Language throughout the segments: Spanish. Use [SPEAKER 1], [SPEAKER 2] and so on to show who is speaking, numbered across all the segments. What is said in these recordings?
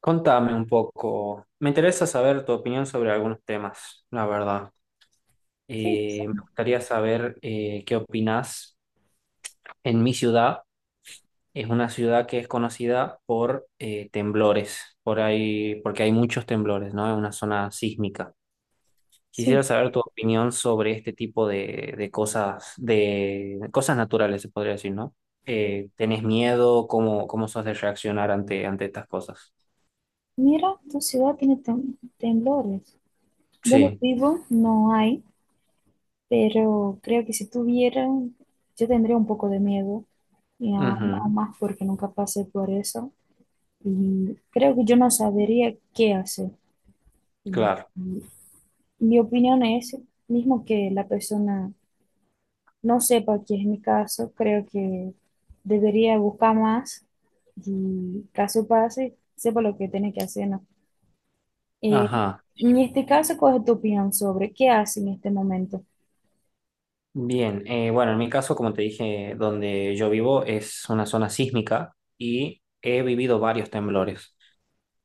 [SPEAKER 1] Contame un poco. Me interesa saber tu opinión sobre algunos temas, la verdad.
[SPEAKER 2] Sí,
[SPEAKER 1] Me gustaría saber qué opinas. En mi ciudad es una ciudad que es conocida por temblores, por ahí, porque hay muchos temblores, ¿no? Es una zona sísmica.
[SPEAKER 2] sí.
[SPEAKER 1] Quisiera saber tu opinión sobre este tipo de cosas, de cosas naturales, se podría decir, ¿no? ¿Tenés miedo? ¿Cómo sos de reaccionar ante estas cosas?
[SPEAKER 2] Mira, tu ciudad tiene temblores. Donde
[SPEAKER 1] Sí.
[SPEAKER 2] vivo no hay, pero creo que si tuviera, yo tendría un poco de miedo, y aún
[SPEAKER 1] Ujú.
[SPEAKER 2] más porque nunca pasé por eso. Y creo que yo no sabería qué hacer. Y-
[SPEAKER 1] Claro.
[SPEAKER 2] y mi opinión es, mismo que la persona no sepa que es mi caso, creo que debería buscar más y caso pase, sepa lo que tiene que hacer, ¿no? Eh,
[SPEAKER 1] Ajá.
[SPEAKER 2] en este caso, ¿cuál es tu opinión sobre qué hace en este momento?
[SPEAKER 1] Bien, bueno, en mi caso, como te dije, donde yo vivo es una zona sísmica y he vivido varios temblores.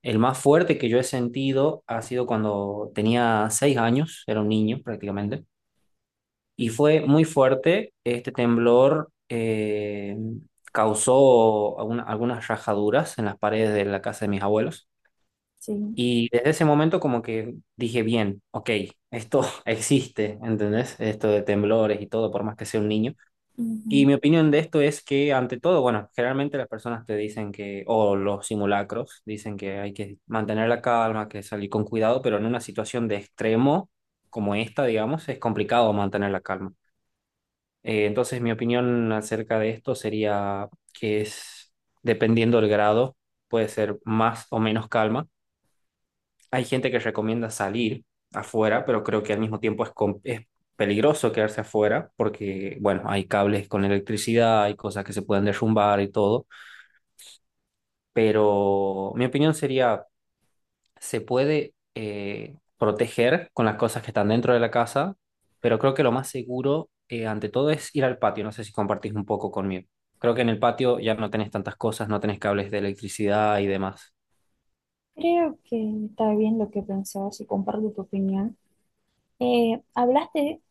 [SPEAKER 1] El más fuerte que yo he sentido ha sido cuando tenía 6 años, era un niño prácticamente, y fue muy fuerte. Este temblor causó algunas rajaduras en las paredes de la casa de mis abuelos.
[SPEAKER 2] Sí.
[SPEAKER 1] Y desde ese momento como que dije, bien, ok, esto existe, ¿entendés? Esto de temblores y todo, por más que sea un niño. Y
[SPEAKER 2] Ujú.
[SPEAKER 1] mi opinión de esto es que, ante todo, bueno, generalmente las personas te dicen que, o los simulacros, dicen que hay que mantener la calma, que salir con cuidado, pero en una situación de extremo como esta, digamos, es complicado mantener la calma. Entonces, mi opinión acerca de esto sería que es, dependiendo del grado, puede ser más o menos calma. Hay gente que recomienda salir afuera, pero creo que al mismo tiempo es, es peligroso quedarse afuera porque, bueno, hay cables con electricidad, hay cosas que se pueden derrumbar y todo, pero mi opinión sería, se puede proteger con las cosas que están dentro de la casa, pero creo que lo más seguro, ante todo, es ir al patio. No sé si compartís un poco conmigo. Creo que en el patio ya no tenés tantas cosas, no tenés cables de electricidad y demás.
[SPEAKER 2] Creo que está bien lo que pensabas y comparto tu opinión. Hablaste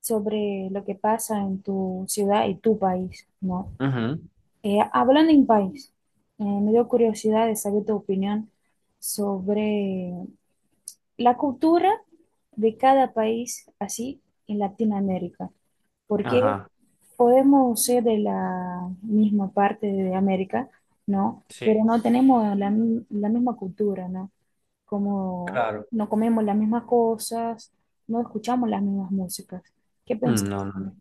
[SPEAKER 2] sobre lo que pasa en tu ciudad y tu país, ¿no?
[SPEAKER 1] Ujú.
[SPEAKER 2] Hablando en país, me dio curiosidad de saber tu opinión sobre la cultura de cada país así en Latinoamérica. Porque
[SPEAKER 1] Ajá,
[SPEAKER 2] podemos ser de la misma parte de América, ¿no? Pero
[SPEAKER 1] sí,
[SPEAKER 2] no tenemos la, la misma cultura, ¿no? Como
[SPEAKER 1] claro.
[SPEAKER 2] no comemos las mismas cosas, no escuchamos las mismas músicas. ¿Qué
[SPEAKER 1] Mm,
[SPEAKER 2] piensas
[SPEAKER 1] no, no,
[SPEAKER 2] sobre
[SPEAKER 1] no.
[SPEAKER 2] eso?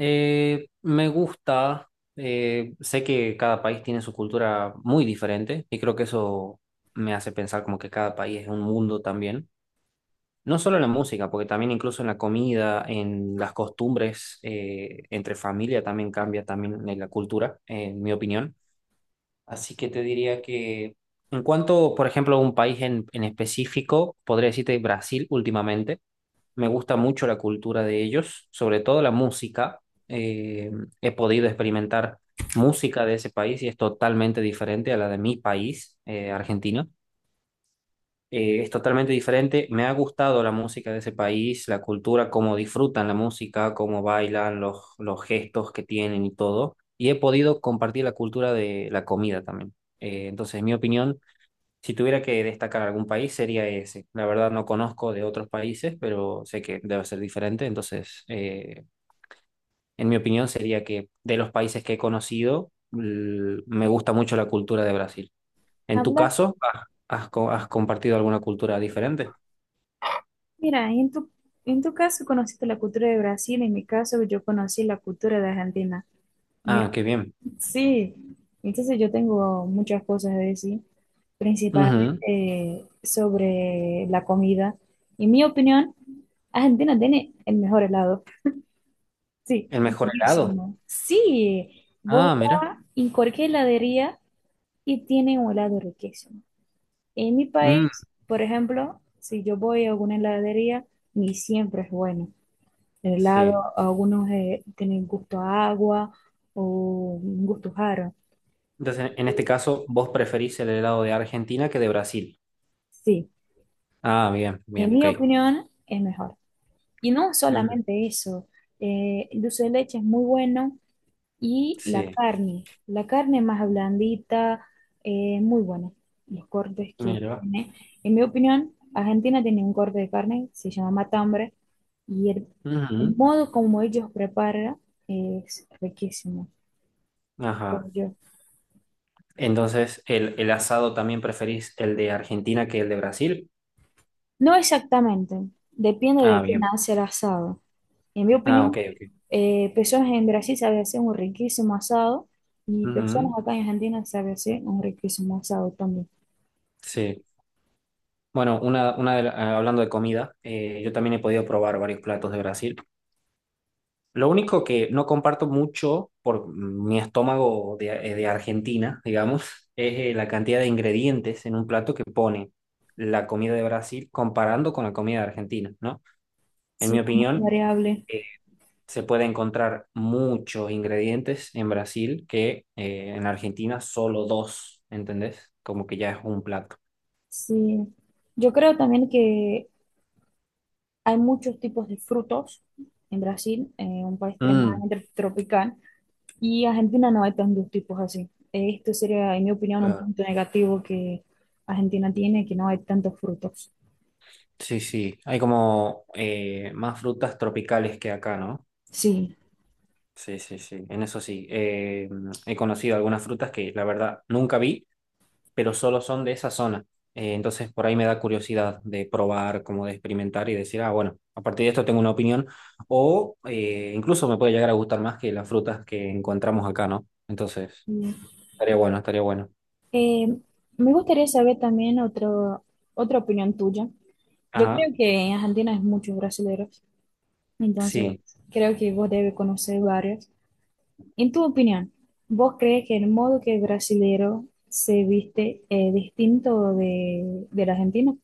[SPEAKER 1] Me gusta, sé que cada país tiene su cultura muy diferente y creo que eso me hace pensar como que cada país es un mundo también. No solo en la música, porque también incluso en la comida, en las costumbres, entre familia también cambia también en la cultura, en mi opinión. Así que te diría que en cuanto, por ejemplo, a un país en específico, podría decirte Brasil últimamente. Me gusta mucho la cultura de ellos, sobre todo la música. Eh, he podido experimentar música de ese país y es totalmente diferente a la de mi país, Argentina. Es totalmente diferente. Me ha gustado la música de ese país, la cultura, cómo disfrutan la música, cómo bailan, los gestos que tienen y todo. Y he podido compartir la cultura de la comida también. Entonces, en mi opinión, si tuviera que destacar algún país sería ese. La verdad no conozco de otros países, pero sé que debe ser diferente. Entonces, en mi opinión sería que de los países que he conocido, me gusta mucho la cultura de Brasil. En tu
[SPEAKER 2] Hablas,
[SPEAKER 1] caso, ¿has has compartido alguna cultura diferente?
[SPEAKER 2] mira, en tu caso conociste la cultura de Brasil, en mi caso yo conocí la cultura de Argentina. Mira,
[SPEAKER 1] Ah, qué bien.
[SPEAKER 2] sí, entonces yo tengo muchas cosas a decir,
[SPEAKER 1] Ujú.
[SPEAKER 2] principalmente sobre la comida. En mi opinión, Argentina tiene el mejor helado. Sí,
[SPEAKER 1] El mejor helado.
[SPEAKER 2] riquísimo. Sí. Vos
[SPEAKER 1] Ah, mira.
[SPEAKER 2] vas en cualquier heladería y tienen un helado riquísimo. En mi
[SPEAKER 1] Mm,
[SPEAKER 2] país, por ejemplo, si yo voy a alguna heladería, ni siempre es bueno. El helado,
[SPEAKER 1] sí.
[SPEAKER 2] algunos tienen gusto a agua o un gusto raro.
[SPEAKER 1] Entonces, en este caso, vos preferís el helado de Argentina que de Brasil.
[SPEAKER 2] Sí,
[SPEAKER 1] Ah, bien,
[SPEAKER 2] en
[SPEAKER 1] bien, ok.
[SPEAKER 2] mi opinión, es mejor. Y no
[SPEAKER 1] Ujú.
[SPEAKER 2] solamente eso, el dulce de leche es muy bueno. Y
[SPEAKER 1] Sí,
[SPEAKER 2] la carne más blandita, muy buena. Los cortes que
[SPEAKER 1] mira.
[SPEAKER 2] tiene. En mi opinión, Argentina tiene un corte de carne, se llama matambre, y el
[SPEAKER 1] Ujú.
[SPEAKER 2] modo como ellos preparan es riquísimo. Creo
[SPEAKER 1] Ajá.
[SPEAKER 2] yo.
[SPEAKER 1] Entonces, ¿el asado también preferís el de Argentina que el de Brasil?
[SPEAKER 2] No exactamente, depende
[SPEAKER 1] Ah,
[SPEAKER 2] de quién
[SPEAKER 1] bien.
[SPEAKER 2] hace el asado. En mi
[SPEAKER 1] Ah, ok,
[SPEAKER 2] opinión,
[SPEAKER 1] ok.
[SPEAKER 2] personas en Brasil saben hacer un riquísimo asado y personas
[SPEAKER 1] Ujú.
[SPEAKER 2] acá en Argentina saben hacer un riquísimo asado también.
[SPEAKER 1] Sí. Bueno, una de la- ah, hablando de comida, yo también he podido probar varios platos de Brasil. Lo único que no comparto mucho por mi estómago de Argentina, digamos, es la cantidad de ingredientes en un plato que pone la comida de Brasil comparando con la comida de Argentina, ¿no? En mi
[SPEAKER 2] Sí, es muy
[SPEAKER 1] opinión,
[SPEAKER 2] variable.
[SPEAKER 1] se puede encontrar muchos ingredientes en Brasil que en Argentina solo dos, ¿entendés? Como que ya es un plato.
[SPEAKER 2] Sí, yo creo también que hay muchos tipos de frutos en Brasil, un país
[SPEAKER 1] Mm,
[SPEAKER 2] extremadamente tropical, y Argentina no hay tantos tipos así. Esto sería, en mi opinión, un
[SPEAKER 1] claro.
[SPEAKER 2] punto negativo que Argentina tiene, que no hay tantos frutos.
[SPEAKER 1] Sí, sí. Hay como más frutas tropicales que acá, ¿no?
[SPEAKER 2] Sí.
[SPEAKER 1] Sí, sí, sí. En eso sí. He conocido algunas frutas que la verdad nunca vi pero solo son de esa zona. Entonces por ahí me da curiosidad de probar, como de experimentar y decir, ah, bueno, a partir de esto tengo una opinión. O incluso me puede llegar a gustar más que las frutas que encontramos acá, ¿no? Entonces,
[SPEAKER 2] Mm.
[SPEAKER 1] estaría bueno, estaría bueno.
[SPEAKER 2] Eh, me gustaría saber también otra opinión tuya. Yo
[SPEAKER 1] Ajá,
[SPEAKER 2] creo que en Argentina hay muchos brasileños, entonces
[SPEAKER 1] sí.
[SPEAKER 2] creo que vos debes conocer varios. En tu opinión, ¿vos crees que el modo que el brasilero se viste es distinto de, del argentino?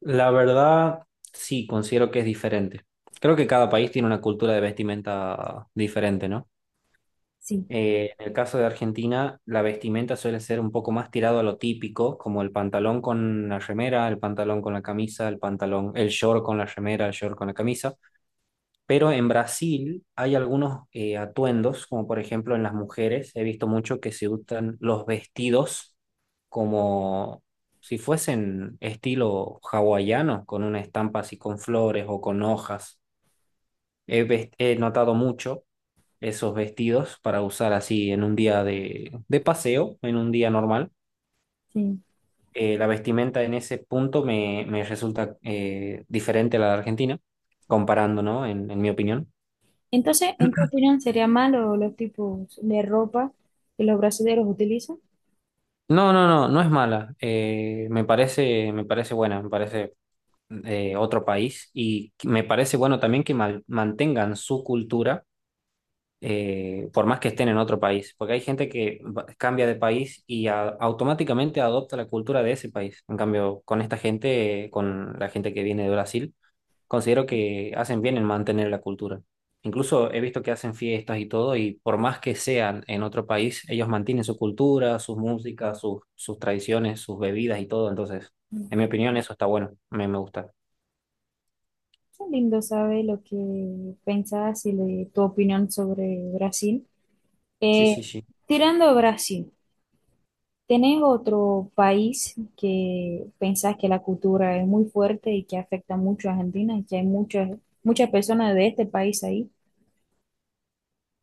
[SPEAKER 1] La verdad, sí, considero que es diferente. Creo que cada país tiene una cultura de vestimenta diferente, ¿no?
[SPEAKER 2] Sí,
[SPEAKER 1] En el caso de Argentina, la vestimenta suele ser un poco más tirado a lo típico, como el pantalón con la remera, el pantalón con la camisa, el pantalón, el short con la remera, el short con la camisa. Pero en Brasil hay algunos atuendos, como por ejemplo en las mujeres, he visto mucho que se usan los vestidos como si fuesen estilo hawaiano, con una estampa así con flores o con hojas. He notado mucho esos vestidos para usar así en un día de paseo, en un día normal.
[SPEAKER 2] sí.
[SPEAKER 1] La vestimenta en ese punto me resulta diferente a la de Argentina, comparando, ¿no? En mi opinión.
[SPEAKER 2] Entonces, ¿en tu opinión sería malo los tipos de ropa que los brasileños utilizan?
[SPEAKER 1] No, no, no, no es mala. Me parece buena, me parece otro país y me parece bueno también que mantengan su cultura por más que estén en otro país, porque hay gente que cambia de país y automáticamente adopta la cultura de ese país. En cambio, con esta gente, con la gente que viene de Brasil, considero que hacen bien en mantener la cultura. Incluso he visto que hacen fiestas y todo, y por más que sean en otro país, ellos mantienen su cultura, sus músicas, sus tradiciones, sus bebidas y todo. Entonces, en mi opinión, eso está bueno, me gusta.
[SPEAKER 2] Qué lindo saber lo que pensás y tu opinión sobre Brasil.
[SPEAKER 1] Sí, sí,
[SPEAKER 2] Eh,
[SPEAKER 1] sí.
[SPEAKER 2] tirando a Brasil, ¿tenés otro país que pensás que la cultura es muy fuerte y que afecta mucho a Argentina y que hay muchas personas de este país ahí?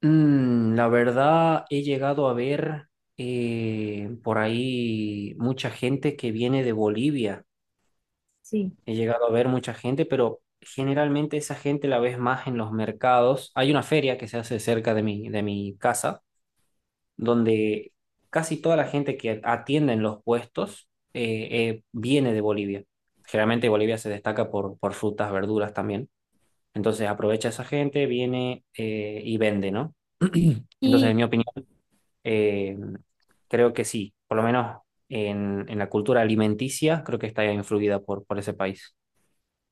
[SPEAKER 1] La verdad, he llegado a ver por ahí mucha gente que viene de Bolivia.
[SPEAKER 2] Sí.
[SPEAKER 1] He llegado a ver mucha gente, pero generalmente esa gente la ves más en los mercados. Hay una feria que se hace cerca de mi casa, donde casi toda la gente que atiende en los puestos viene de Bolivia. Generalmente Bolivia se destaca por frutas, verduras también. Entonces aprovecha esa gente, viene y vende, ¿no? Entonces, en mi
[SPEAKER 2] ¿Y
[SPEAKER 1] opinión, eh, creo que sí, por lo menos en la cultura alimenticia, creo que está influida por ese país.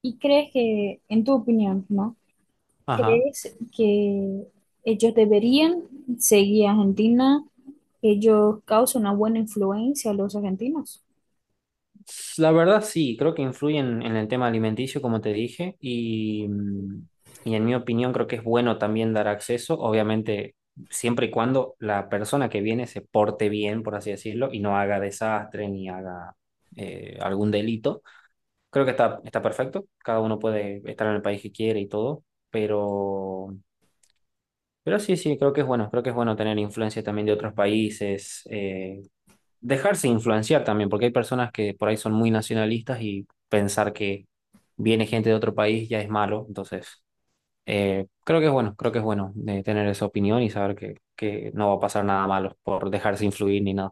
[SPEAKER 2] y crees que, en tu opinión, ¿no?
[SPEAKER 1] Ajá.
[SPEAKER 2] ¿Crees que ellos deberían seguir a Argentina? ¿Ellos causan una buena influencia a los argentinos?
[SPEAKER 1] La verdad sí, creo que influyen en el tema alimenticio, como te dije, y en mi opinión creo que es bueno también dar acceso, obviamente siempre y cuando la persona que viene se porte bien, por así decirlo, y no haga desastre ni haga algún delito. Creo que está perfecto, cada uno puede estar en el país que quiere y todo, pero Pero sí, sí, creo que es bueno, creo que es bueno tener influencia también de otros países, dejarse influenciar también, porque hay personas que por ahí son muy nacionalistas y pensar que viene gente de otro país ya es malo, entonces creo que es bueno, creo que es bueno de tener esa opinión y saber que no va a pasar nada malo por dejarse influir ni nada.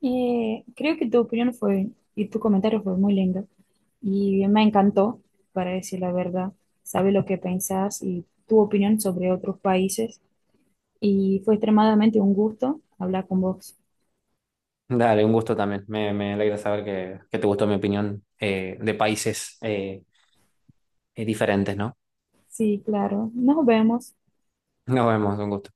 [SPEAKER 2] Creo que tu opinión fue, y tu comentario fue muy lindo. Y me encantó, para decir la verdad. Sabes lo que pensás y tu opinión sobre otros países. Y fue extremadamente un gusto hablar con vos.
[SPEAKER 1] Dale, un gusto también, me alegra saber que te gustó mi opinión de países diferentes, ¿no?
[SPEAKER 2] Sí, claro. Nos vemos.
[SPEAKER 1] Nos vemos, un gusto.